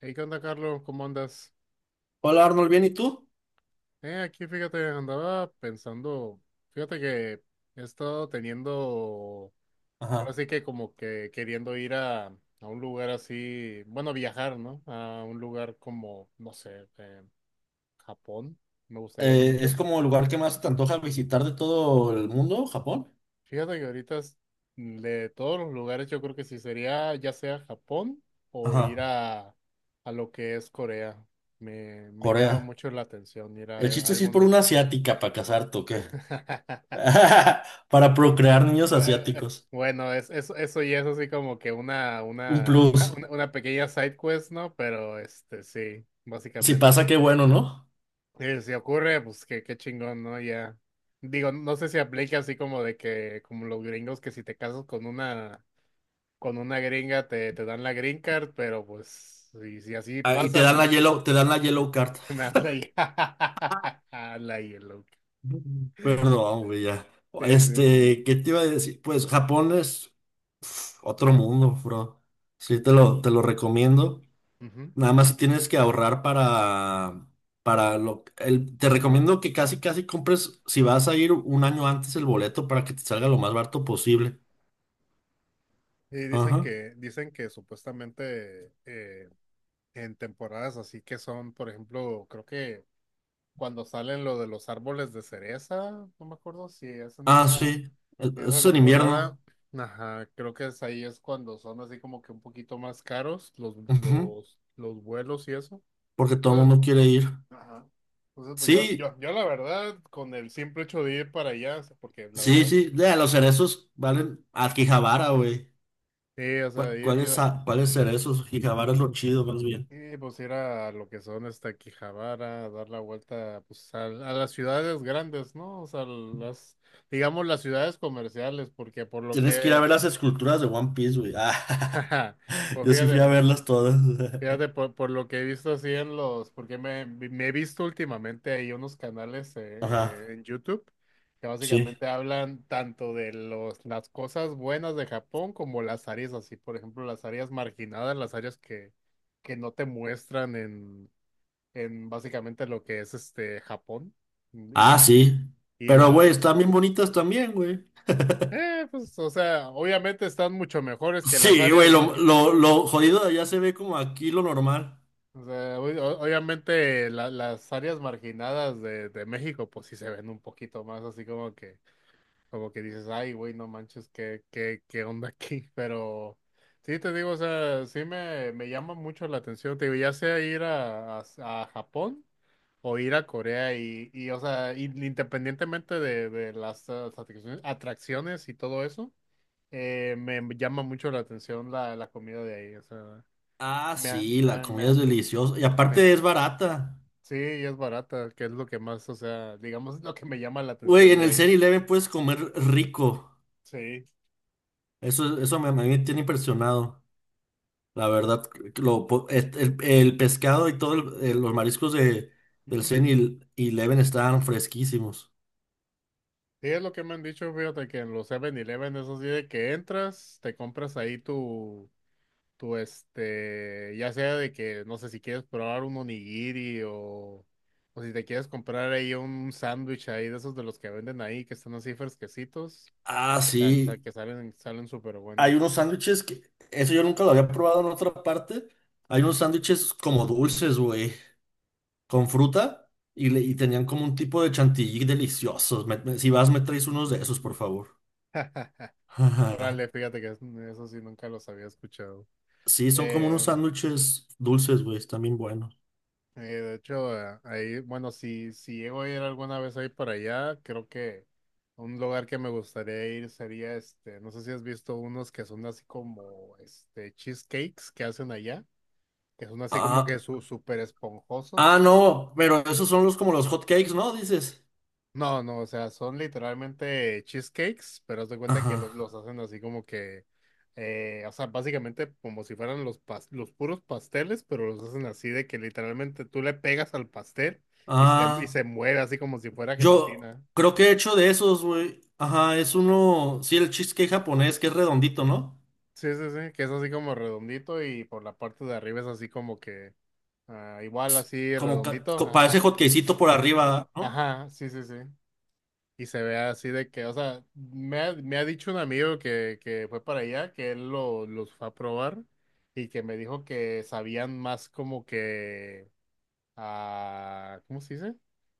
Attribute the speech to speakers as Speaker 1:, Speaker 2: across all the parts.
Speaker 1: Hey, ¿qué onda, Carlos? ¿Cómo andas?
Speaker 2: Hola Arnold, ¿bien y tú?
Speaker 1: Aquí fíjate, andaba pensando, fíjate que he estado teniendo, ahora
Speaker 2: Ajá.
Speaker 1: sí que como que queriendo ir a un lugar así, bueno, viajar, ¿no? A un lugar como, no sé, Japón, me gustaría
Speaker 2: ¿Es
Speaker 1: mucho.
Speaker 2: como el lugar que más te antoja visitar de todo el mundo, Japón?
Speaker 1: Fíjate que ahorita de todos los lugares yo creo que sí sería ya sea Japón o ir
Speaker 2: Ajá.
Speaker 1: a lo que es Corea. Me llama
Speaker 2: Corea.
Speaker 1: mucho la atención ir
Speaker 2: El
Speaker 1: a
Speaker 2: chiste sí es por
Speaker 1: algunos.
Speaker 2: una asiática para casarte, ¿o qué? Para procrear niños
Speaker 1: Bue- eh,
Speaker 2: asiáticos.
Speaker 1: Eso eso ya es así como que
Speaker 2: Un plus.
Speaker 1: una pequeña side quest, ¿no? Pero este, sí,
Speaker 2: Si pasa,
Speaker 1: básicamente.
Speaker 2: qué bueno, ¿no?
Speaker 1: Si ocurre, pues qué, qué chingón, ¿no? Ya. Digo, no sé si aplica así como de que, como los gringos, que si te casas con una gringa te, te dan la green card, pero pues, si, si así
Speaker 2: Ah, y te
Speaker 1: pasa,
Speaker 2: dan la
Speaker 1: pues, pues,
Speaker 2: yellow, te dan la yellow card.
Speaker 1: me das la hi- la yellow.
Speaker 2: Perdón, güey, ya.
Speaker 1: Sí, sí.
Speaker 2: Este, ¿qué te iba a decir? Pues Japón es uf, otro mundo, bro. Sí, te lo recomiendo.
Speaker 1: Ujú.
Speaker 2: Nada más tienes que ahorrar para lo, el, te recomiendo que casi, casi compres, si vas a ir un año antes el boleto para que te salga lo más barato posible.
Speaker 1: Y
Speaker 2: Ajá.
Speaker 1: dicen que supuestamente en temporadas así que son, por ejemplo, creo que cuando salen lo de los árboles de cereza, no me acuerdo si es
Speaker 2: Ah, sí.
Speaker 1: en
Speaker 2: Eso
Speaker 1: esa
Speaker 2: es en
Speaker 1: temporada,
Speaker 2: invierno.
Speaker 1: ajá, creo que es ahí es cuando son así como que un poquito más caros
Speaker 2: Ujú.
Speaker 1: los vuelos y eso.
Speaker 2: Porque todo el
Speaker 1: Entonces,
Speaker 2: mundo quiere ir.
Speaker 1: ajá. Entonces, pues yo,
Speaker 2: Sí,
Speaker 1: yo, yo la verdad, con el simple hecho de ir para allá, o sea, porque la
Speaker 2: sí,
Speaker 1: verdad,
Speaker 2: sí. De los cerezos valen a Quijabara, güey.
Speaker 1: sí, o sea, ir,
Speaker 2: ¿Cuáles,
Speaker 1: ir
Speaker 2: cuáles cerezos? Quijabara es lo chido, más bien.
Speaker 1: y pues ir a lo que son hasta Quijabara, dar la vuelta pues a las ciudades grandes, ¿no? O sea, las, digamos las ciudades comerciales, porque por lo
Speaker 2: Tienes que ir a
Speaker 1: que,
Speaker 2: ver las esculturas de One Piece, güey. Ah,
Speaker 1: jaja, pues
Speaker 2: yo sí
Speaker 1: fíjate,
Speaker 2: fui a verlas todas.
Speaker 1: fíjate por lo que he visto así en los, porque me he visto últimamente ahí unos canales
Speaker 2: Ajá.
Speaker 1: en YouTube que
Speaker 2: Sí.
Speaker 1: básicamente hablan tanto de los, las cosas buenas de Japón como las áreas así, por ejemplo, las áreas marginadas, las áreas que no te muestran en básicamente lo que es este Japón mm,
Speaker 2: Ah,
Speaker 1: y,
Speaker 2: sí.
Speaker 1: y
Speaker 2: Pero,
Speaker 1: la
Speaker 2: güey, están bien bonitas también, güey.
Speaker 1: pues o sea obviamente están mucho mejores que las
Speaker 2: Sí, güey,
Speaker 1: áreas
Speaker 2: lo,
Speaker 1: marginadas.
Speaker 2: lo, lo jodido de allá se ve como aquí lo normal.
Speaker 1: O sea, obviamente las áreas marginadas de México pues sí se ven un poquito más así como que dices, ay, güey, no manches, ¿qué, qué, qué onda aquí? Pero sí, te digo, o sea, sí me llama mucho la atención, te digo, ya sea ir a Japón o ir a Corea y o sea, independientemente de las atracciones atracciones y todo eso, me llama mucho la atención la, la comida de ahí, o sea,
Speaker 2: Ah,
Speaker 1: me, ha-
Speaker 2: sí,
Speaker 1: me,
Speaker 2: la
Speaker 1: ha- me,
Speaker 2: comida
Speaker 1: ha-
Speaker 2: es
Speaker 1: me-
Speaker 2: deliciosa. Y
Speaker 1: me ha-
Speaker 2: aparte es barata.
Speaker 1: sí, y es barata, que es lo que más, o sea, digamos, es lo que me llama la
Speaker 2: Güey,
Speaker 1: atención
Speaker 2: en
Speaker 1: de
Speaker 2: el
Speaker 1: ahí.
Speaker 2: 7-Eleven puedes comer rico.
Speaker 1: Sí.
Speaker 2: Eso me, a mí me tiene impresionado. La verdad, lo, po- et- el pescado y todos los mariscos de, del 7-Eleven estaban fresquísimos.
Speaker 1: Sí, es lo que me han dicho, fíjate que en los Seven eleven eso sí, de que entras, te compras ahí tu, tu este, ya sea de que, no sé si quieres probar un onigiri o si te quieres comprar ahí un sándwich ahí de esos de los que venden ahí, que están así fresquecitos,
Speaker 2: Ah,
Speaker 1: que,
Speaker 2: sí.
Speaker 1: que salen, salen súper
Speaker 2: Hay
Speaker 1: buenos.
Speaker 2: unos sándwiches que, eso yo nunca lo había probado en otra parte. Hay unos sándwiches como dulces, güey, con fruta y tenían como un tipo de chantilly deliciosos. Si vas, me traes unos de esos, por favor.
Speaker 1: Órale, fíjate que eso sí, nunca los había escuchado.
Speaker 2: Sí, son como unos
Speaker 1: Em,
Speaker 2: sándwiches dulces, güey, están bien buenos.
Speaker 1: De hecho, ahí, bueno, si, si llego a ir alguna vez ahí para allá, creo que un lugar que me gustaría ir sería este, no sé si has visto unos que son así como este cheesecakes que hacen allá, que son así como que
Speaker 2: Ah,
Speaker 1: su, súper
Speaker 2: ah,
Speaker 1: esponjosos.
Speaker 2: no, pero esos son los como los hot cakes, ¿no? Dices.
Speaker 1: No, no, o sea, son literalmente cheesecakes, pero haz de cuenta
Speaker 2: Ajá.
Speaker 1: que los hacen así como que, o sea, básicamente como si fueran los, los puros pasteles, pero los hacen así de que literalmente tú le pegas al pastel y
Speaker 2: Ah,
Speaker 1: se mueve así como si fuera
Speaker 2: yo
Speaker 1: gelatina.
Speaker 2: creo que he hecho de esos, güey. Ajá, es uno, sí, el cheesecake japonés que es redondito, ¿no?
Speaker 1: Sí, sí, sí, que es así como redondito y por la parte de arriba es así como que, ah, igual así
Speaker 2: Como,
Speaker 1: redondito,
Speaker 2: parece
Speaker 1: ajá,
Speaker 2: hotcakecito por
Speaker 1: ah,
Speaker 2: arriba, ¿no?
Speaker 1: ajá, sí, sí, sí. Y se ve así de que, o sea, me ha dicho un amigo que fue para allá, que él lo, los fue a probar y que me dijo que sabían más como que, ah, ¿cómo se dice?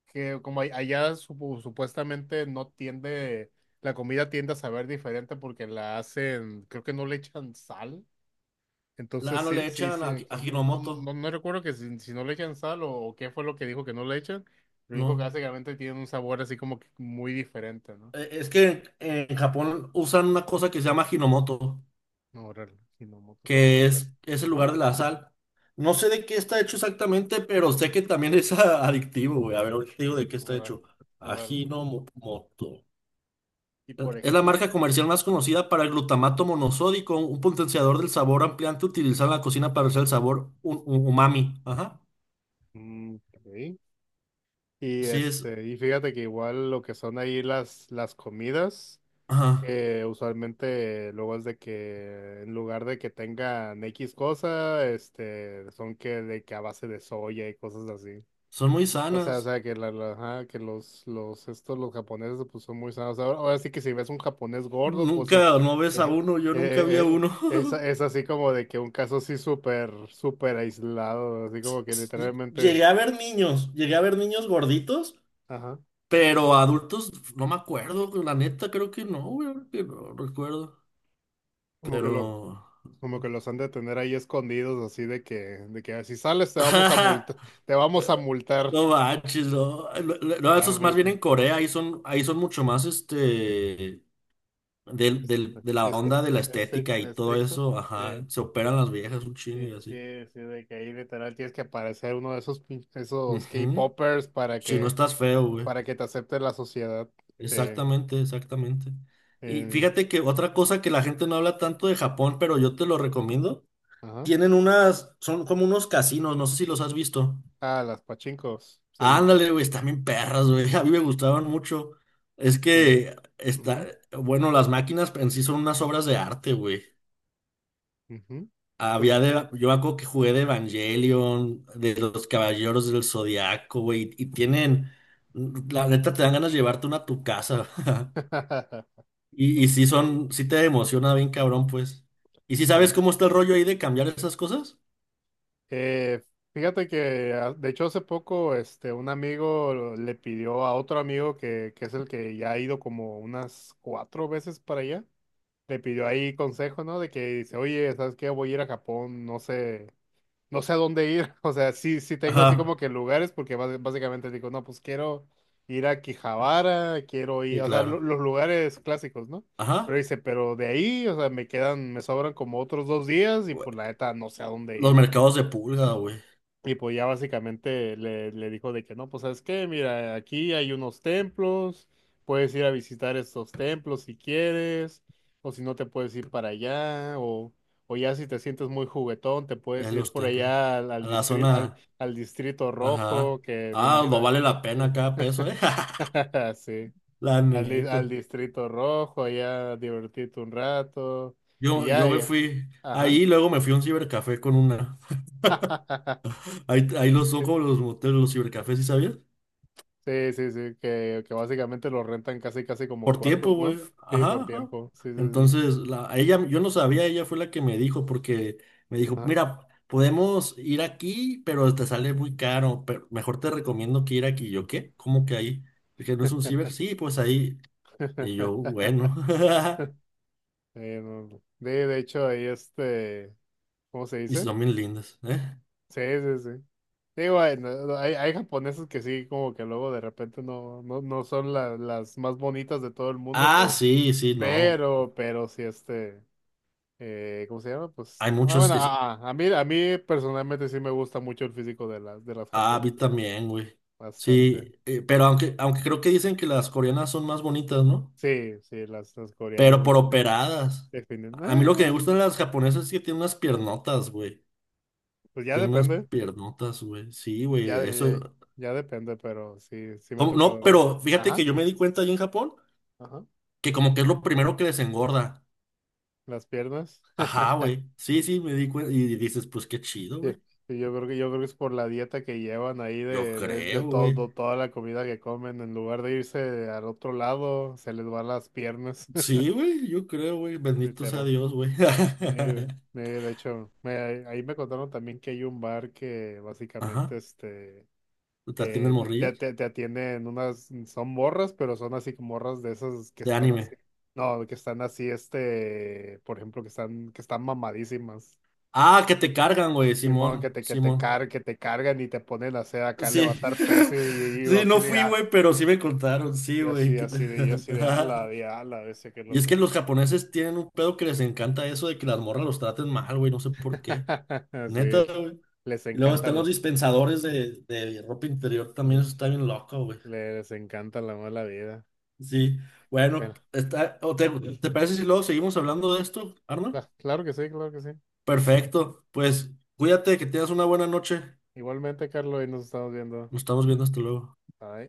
Speaker 1: Que como allá supuestamente no tiende, la comida tiende a saber diferente porque la hacen, creo que no le echan sal.
Speaker 2: Ah,
Speaker 1: Entonces
Speaker 2: no le
Speaker 1: sí, sí,
Speaker 2: echan
Speaker 1: sí,
Speaker 2: a
Speaker 1: creo que no, no,
Speaker 2: Hinomoto,
Speaker 1: no, no recuerdo que si, si no le echan sal o qué fue lo que dijo que no le echan, pero dijo que
Speaker 2: no.
Speaker 1: básicamente tienen un sabor así como que muy diferente, ¿no?
Speaker 2: Es que en Japón usan una cosa que se llama Hinomoto,
Speaker 1: No, órale, si no mucho peso,
Speaker 2: que
Speaker 1: pero.
Speaker 2: es el
Speaker 1: Ajá,
Speaker 2: lugar de la sal. No sé de qué está hecho exactamente, pero sé que también es adictivo, güey. A ver, ahorita te digo de qué está
Speaker 1: órale,
Speaker 2: hecho.
Speaker 1: órale.
Speaker 2: Ajinomoto.
Speaker 1: Y por
Speaker 2: Es la
Speaker 1: ejemplo, y,
Speaker 2: marca comercial más conocida para el glutamato monosódico, un potenciador del sabor ampliante utilizado en la cocina para hacer el sabor umami. Ajá.
Speaker 1: ok. Y,
Speaker 2: Así es.
Speaker 1: este, y fíjate que igual lo que son ahí las comidas,
Speaker 2: Ajá.
Speaker 1: usualmente luego es de que en lugar de que tengan X cosa, este, son que de que a base de soya y cosas así.
Speaker 2: Son muy
Speaker 1: O
Speaker 2: sanas.
Speaker 1: sea, que, la, ajá, que los, estos, los japoneses, pues son muy sanos. Ahora, ahora sí que si ves un japonés gordo, pues
Speaker 2: Nunca, no ves a
Speaker 1: eh,
Speaker 2: uno, yo nunca vi a
Speaker 1: eh, eh,
Speaker 2: uno.
Speaker 1: es así como de que un caso así súper, súper aislado, así como que literalmente,
Speaker 2: Llegué a ver niños, llegué a ver niños gorditos,
Speaker 1: ajá,
Speaker 2: pero adultos no me acuerdo, la neta creo que no, güey, ahora que no recuerdo.
Speaker 1: como que lo,
Speaker 2: Pero...
Speaker 1: como que los han de tener ahí escondidos, así de que "Ah, si sales te vamos a multar,
Speaker 2: eh,
Speaker 1: te vamos a multar.
Speaker 2: no manches, no. No, no, no, eso
Speaker 1: Ah,
Speaker 2: es más bien
Speaker 1: fíjate,
Speaker 2: en Corea, ahí son mucho más este...
Speaker 1: este,
Speaker 2: De la
Speaker 1: este,
Speaker 2: onda de la estética
Speaker 1: estricto,
Speaker 2: y todo
Speaker 1: estricto.
Speaker 2: eso, ajá.
Speaker 1: Sí.
Speaker 2: Se operan las viejas un chingo
Speaker 1: Sí,
Speaker 2: y así.
Speaker 1: sí, sí, de que ahí literal tienes que aparecer uno de esos, esos
Speaker 2: Ujú.
Speaker 1: K-popers
Speaker 2: Si no estás feo, güey.
Speaker 1: para que te acepte la sociedad. Sí,
Speaker 2: Exactamente, exactamente. Y
Speaker 1: eh,
Speaker 2: fíjate que otra cosa que la gente no habla tanto de Japón, pero yo te lo recomiendo.
Speaker 1: ajá.
Speaker 2: Tienen unas, son como unos casinos, no sé si los has visto.
Speaker 1: Ah, las pachincos. Sí, sí, sí.
Speaker 2: Ándale, güey, están bien perras, güey. A mí me gustaban mucho. Es
Speaker 1: Eh,
Speaker 2: que está,
Speaker 1: ujú,
Speaker 2: bueno, las máquinas en sí son unas obras de arte, güey.
Speaker 1: ujú. ¿Por
Speaker 2: Había
Speaker 1: qué?
Speaker 2: de, yo me acuerdo que jugué de Evangelion, de los Caballeros del Zodiaco, güey, y tienen, la neta te dan ganas de llevarte una a tu casa. Y sí son, sí te emociona bien cabrón, pues. ¿Y si sabes
Speaker 1: Sí.
Speaker 2: cómo está el rollo ahí de cambiar esas cosas?
Speaker 1: Eh, fíjate que, ah, de hecho, hace poco, este, un amigo le pidió a otro amigo que es el que ya ha ido como unas cuatro veces para allá. Le pidió ahí consejo, ¿no? De que dice, oye, ¿sabes qué? Voy a ir a Japón, no sé. No sé a dónde ir. O sea, sí, sí tengo así
Speaker 2: Ajá.
Speaker 1: como que lugares, porque básicamente digo, no, pues quiero ir a Quijabara, quiero ir,
Speaker 2: Sí,
Speaker 1: o sea,
Speaker 2: claro.
Speaker 1: los lugares clásicos, ¿no? Pero
Speaker 2: Ajá.
Speaker 1: dice, pero de ahí, o sea, me quedan, me sobran como otros dos días y
Speaker 2: Güey,
Speaker 1: pues la neta no sé a dónde
Speaker 2: los
Speaker 1: ir.
Speaker 2: mercados de pulga, güey.
Speaker 1: Y pues ya básicamente le, le dijo de que no, pues sabes qué, mira, aquí hay unos templos, puedes ir a visitar estos templos si quieres, o si no te puedes ir para allá, o ya si te sientes muy juguetón, te puedes
Speaker 2: En
Speaker 1: ir
Speaker 2: los
Speaker 1: por
Speaker 2: templos.
Speaker 1: allá
Speaker 2: A la
Speaker 1: al,
Speaker 2: zona.
Speaker 1: al distrito rojo,
Speaker 2: Ajá.
Speaker 1: que me
Speaker 2: Ah, no
Speaker 1: imagino,
Speaker 2: vale la pena cada peso, eh.
Speaker 1: sí,
Speaker 2: La
Speaker 1: al,
Speaker 2: neta.
Speaker 1: al distrito rojo, allá divertirte un rato, y
Speaker 2: Yo,
Speaker 1: ya,
Speaker 2: yo me
Speaker 1: ya,
Speaker 2: fui.
Speaker 1: ajá.
Speaker 2: Ahí luego me fui a un cibercafé con una. Ahí, ahí los son como los moteles, los cibercafés, ¿sí sabías?
Speaker 1: Sí, sí, sí, que básicamente lo rentan casi, casi como
Speaker 2: Por tiempo,
Speaker 1: cuartos, ¿no?
Speaker 2: güey.
Speaker 1: Sí,
Speaker 2: Ajá,
Speaker 1: por
Speaker 2: ajá.
Speaker 1: tiempo, sí, sí, sí.
Speaker 2: Entonces, la, a ella, yo no sabía, ella fue la que me dijo, porque me dijo,
Speaker 1: Ajá.
Speaker 2: mira, podemos ir aquí, pero te sale muy caro, pero mejor te recomiendo que ir aquí. Y yo, ¿qué? ¿Cómo que ahí? Dije, ¿no es un ciber? Sí, pues ahí. Y yo, bueno.
Speaker 1: No, no. De hecho, ahí este, ¿cómo se
Speaker 2: Y
Speaker 1: dice?
Speaker 2: son bien lindas, ¿eh?
Speaker 1: Sí, sí, sí. Digo, hay, no, hay japoneses que sí, como que luego de repente no, no, no son las más bonitas de todo el mundo,
Speaker 2: Ah,
Speaker 1: por,
Speaker 2: sí, sí, no.
Speaker 1: pero sí, este, ¿cómo se llama? Pues,
Speaker 2: Hay
Speaker 1: ah,
Speaker 2: muchos
Speaker 1: bueno,
Speaker 2: que... sí.
Speaker 1: a, a mí personalmente sí me gusta mucho el físico de las
Speaker 2: Ah, vi
Speaker 1: japonesas,
Speaker 2: también, güey.
Speaker 1: bastante.
Speaker 2: Sí, pero aunque, aunque creo que dicen que las coreanas son más bonitas, ¿no?
Speaker 1: Sí, sí, las coreanas
Speaker 2: Pero por operadas.
Speaker 1: definen.
Speaker 2: A mí lo que
Speaker 1: "Ah",
Speaker 2: me gustan las japonesas es que tienen unas piernotas, güey.
Speaker 1: pues ya
Speaker 2: Tienen unas
Speaker 1: depende,
Speaker 2: piernotas, güey. Sí, güey,
Speaker 1: ya, ya,
Speaker 2: eso.
Speaker 1: ya depende, pero sí, sí me ha
Speaker 2: ¿Cómo? No,
Speaker 1: tocado ver.
Speaker 2: pero fíjate
Speaker 1: Ajá,
Speaker 2: que yo me di cuenta allí en Japón
Speaker 1: ajá.
Speaker 2: que como que es lo primero que les engorda.
Speaker 1: Las piernas.
Speaker 2: Ajá, güey. Sí, sí, me di cuenta. Y dices, pues qué chido,
Speaker 1: Sí,
Speaker 2: güey.
Speaker 1: sí, yo creo que es por la dieta que llevan ahí
Speaker 2: Yo creo,
Speaker 1: de
Speaker 2: güey.
Speaker 1: todo, toda la comida que comen. En lugar de irse al otro lado, se les van las piernas,
Speaker 2: Sí, güey, yo creo, güey. Bendito sea
Speaker 1: literal.
Speaker 2: Dios, güey.
Speaker 1: Y, de hecho, ahí me contaron también que hay un bar que básicamente
Speaker 2: Ajá.
Speaker 1: este
Speaker 2: ¿Te atienden
Speaker 1: te,
Speaker 2: morrillas?
Speaker 1: te atienden unas, son morras, pero son así como morras de esas que
Speaker 2: De
Speaker 1: están así,
Speaker 2: anime.
Speaker 1: no, que están así, este, por ejemplo, que están mamadísimas.
Speaker 2: Ah, que te cargan, güey,
Speaker 1: Simón, que
Speaker 2: Simón,
Speaker 1: te, que
Speaker 2: Simón.
Speaker 1: que te cargan y te ponen a hacer acá
Speaker 2: Sí,
Speaker 1: levantar peso y yo
Speaker 2: sí,
Speaker 1: así
Speaker 2: no
Speaker 1: de
Speaker 2: fui,
Speaker 1: ah,
Speaker 2: güey, pero sí me contaron, sí,
Speaker 1: y
Speaker 2: güey.
Speaker 1: así,
Speaker 2: Que-
Speaker 1: así de, y así de ala, ese qué
Speaker 2: Y es que
Speaker 1: loco.
Speaker 2: los japoneses tienen un pedo que les encanta eso de que las morras los traten mal, güey, no sé por qué.
Speaker 1: Sí,
Speaker 2: Neta, güey.
Speaker 1: les
Speaker 2: Y luego
Speaker 1: encanta
Speaker 2: están los
Speaker 1: la,
Speaker 2: dispensadores de ropa interior, también eso está bien loco, güey.
Speaker 1: les encanta la mala vida.
Speaker 2: Sí, bueno,
Speaker 1: Bueno,
Speaker 2: está, o te, ¿te parece si luego seguimos hablando de esto, Arno?
Speaker 1: claro que sí, claro que sí.
Speaker 2: Perfecto, pues cuídate, que tengas una buena noche.
Speaker 1: Igualmente, Carlos, y nos estamos viendo.
Speaker 2: Nos estamos viendo, hasta luego.
Speaker 1: Bye.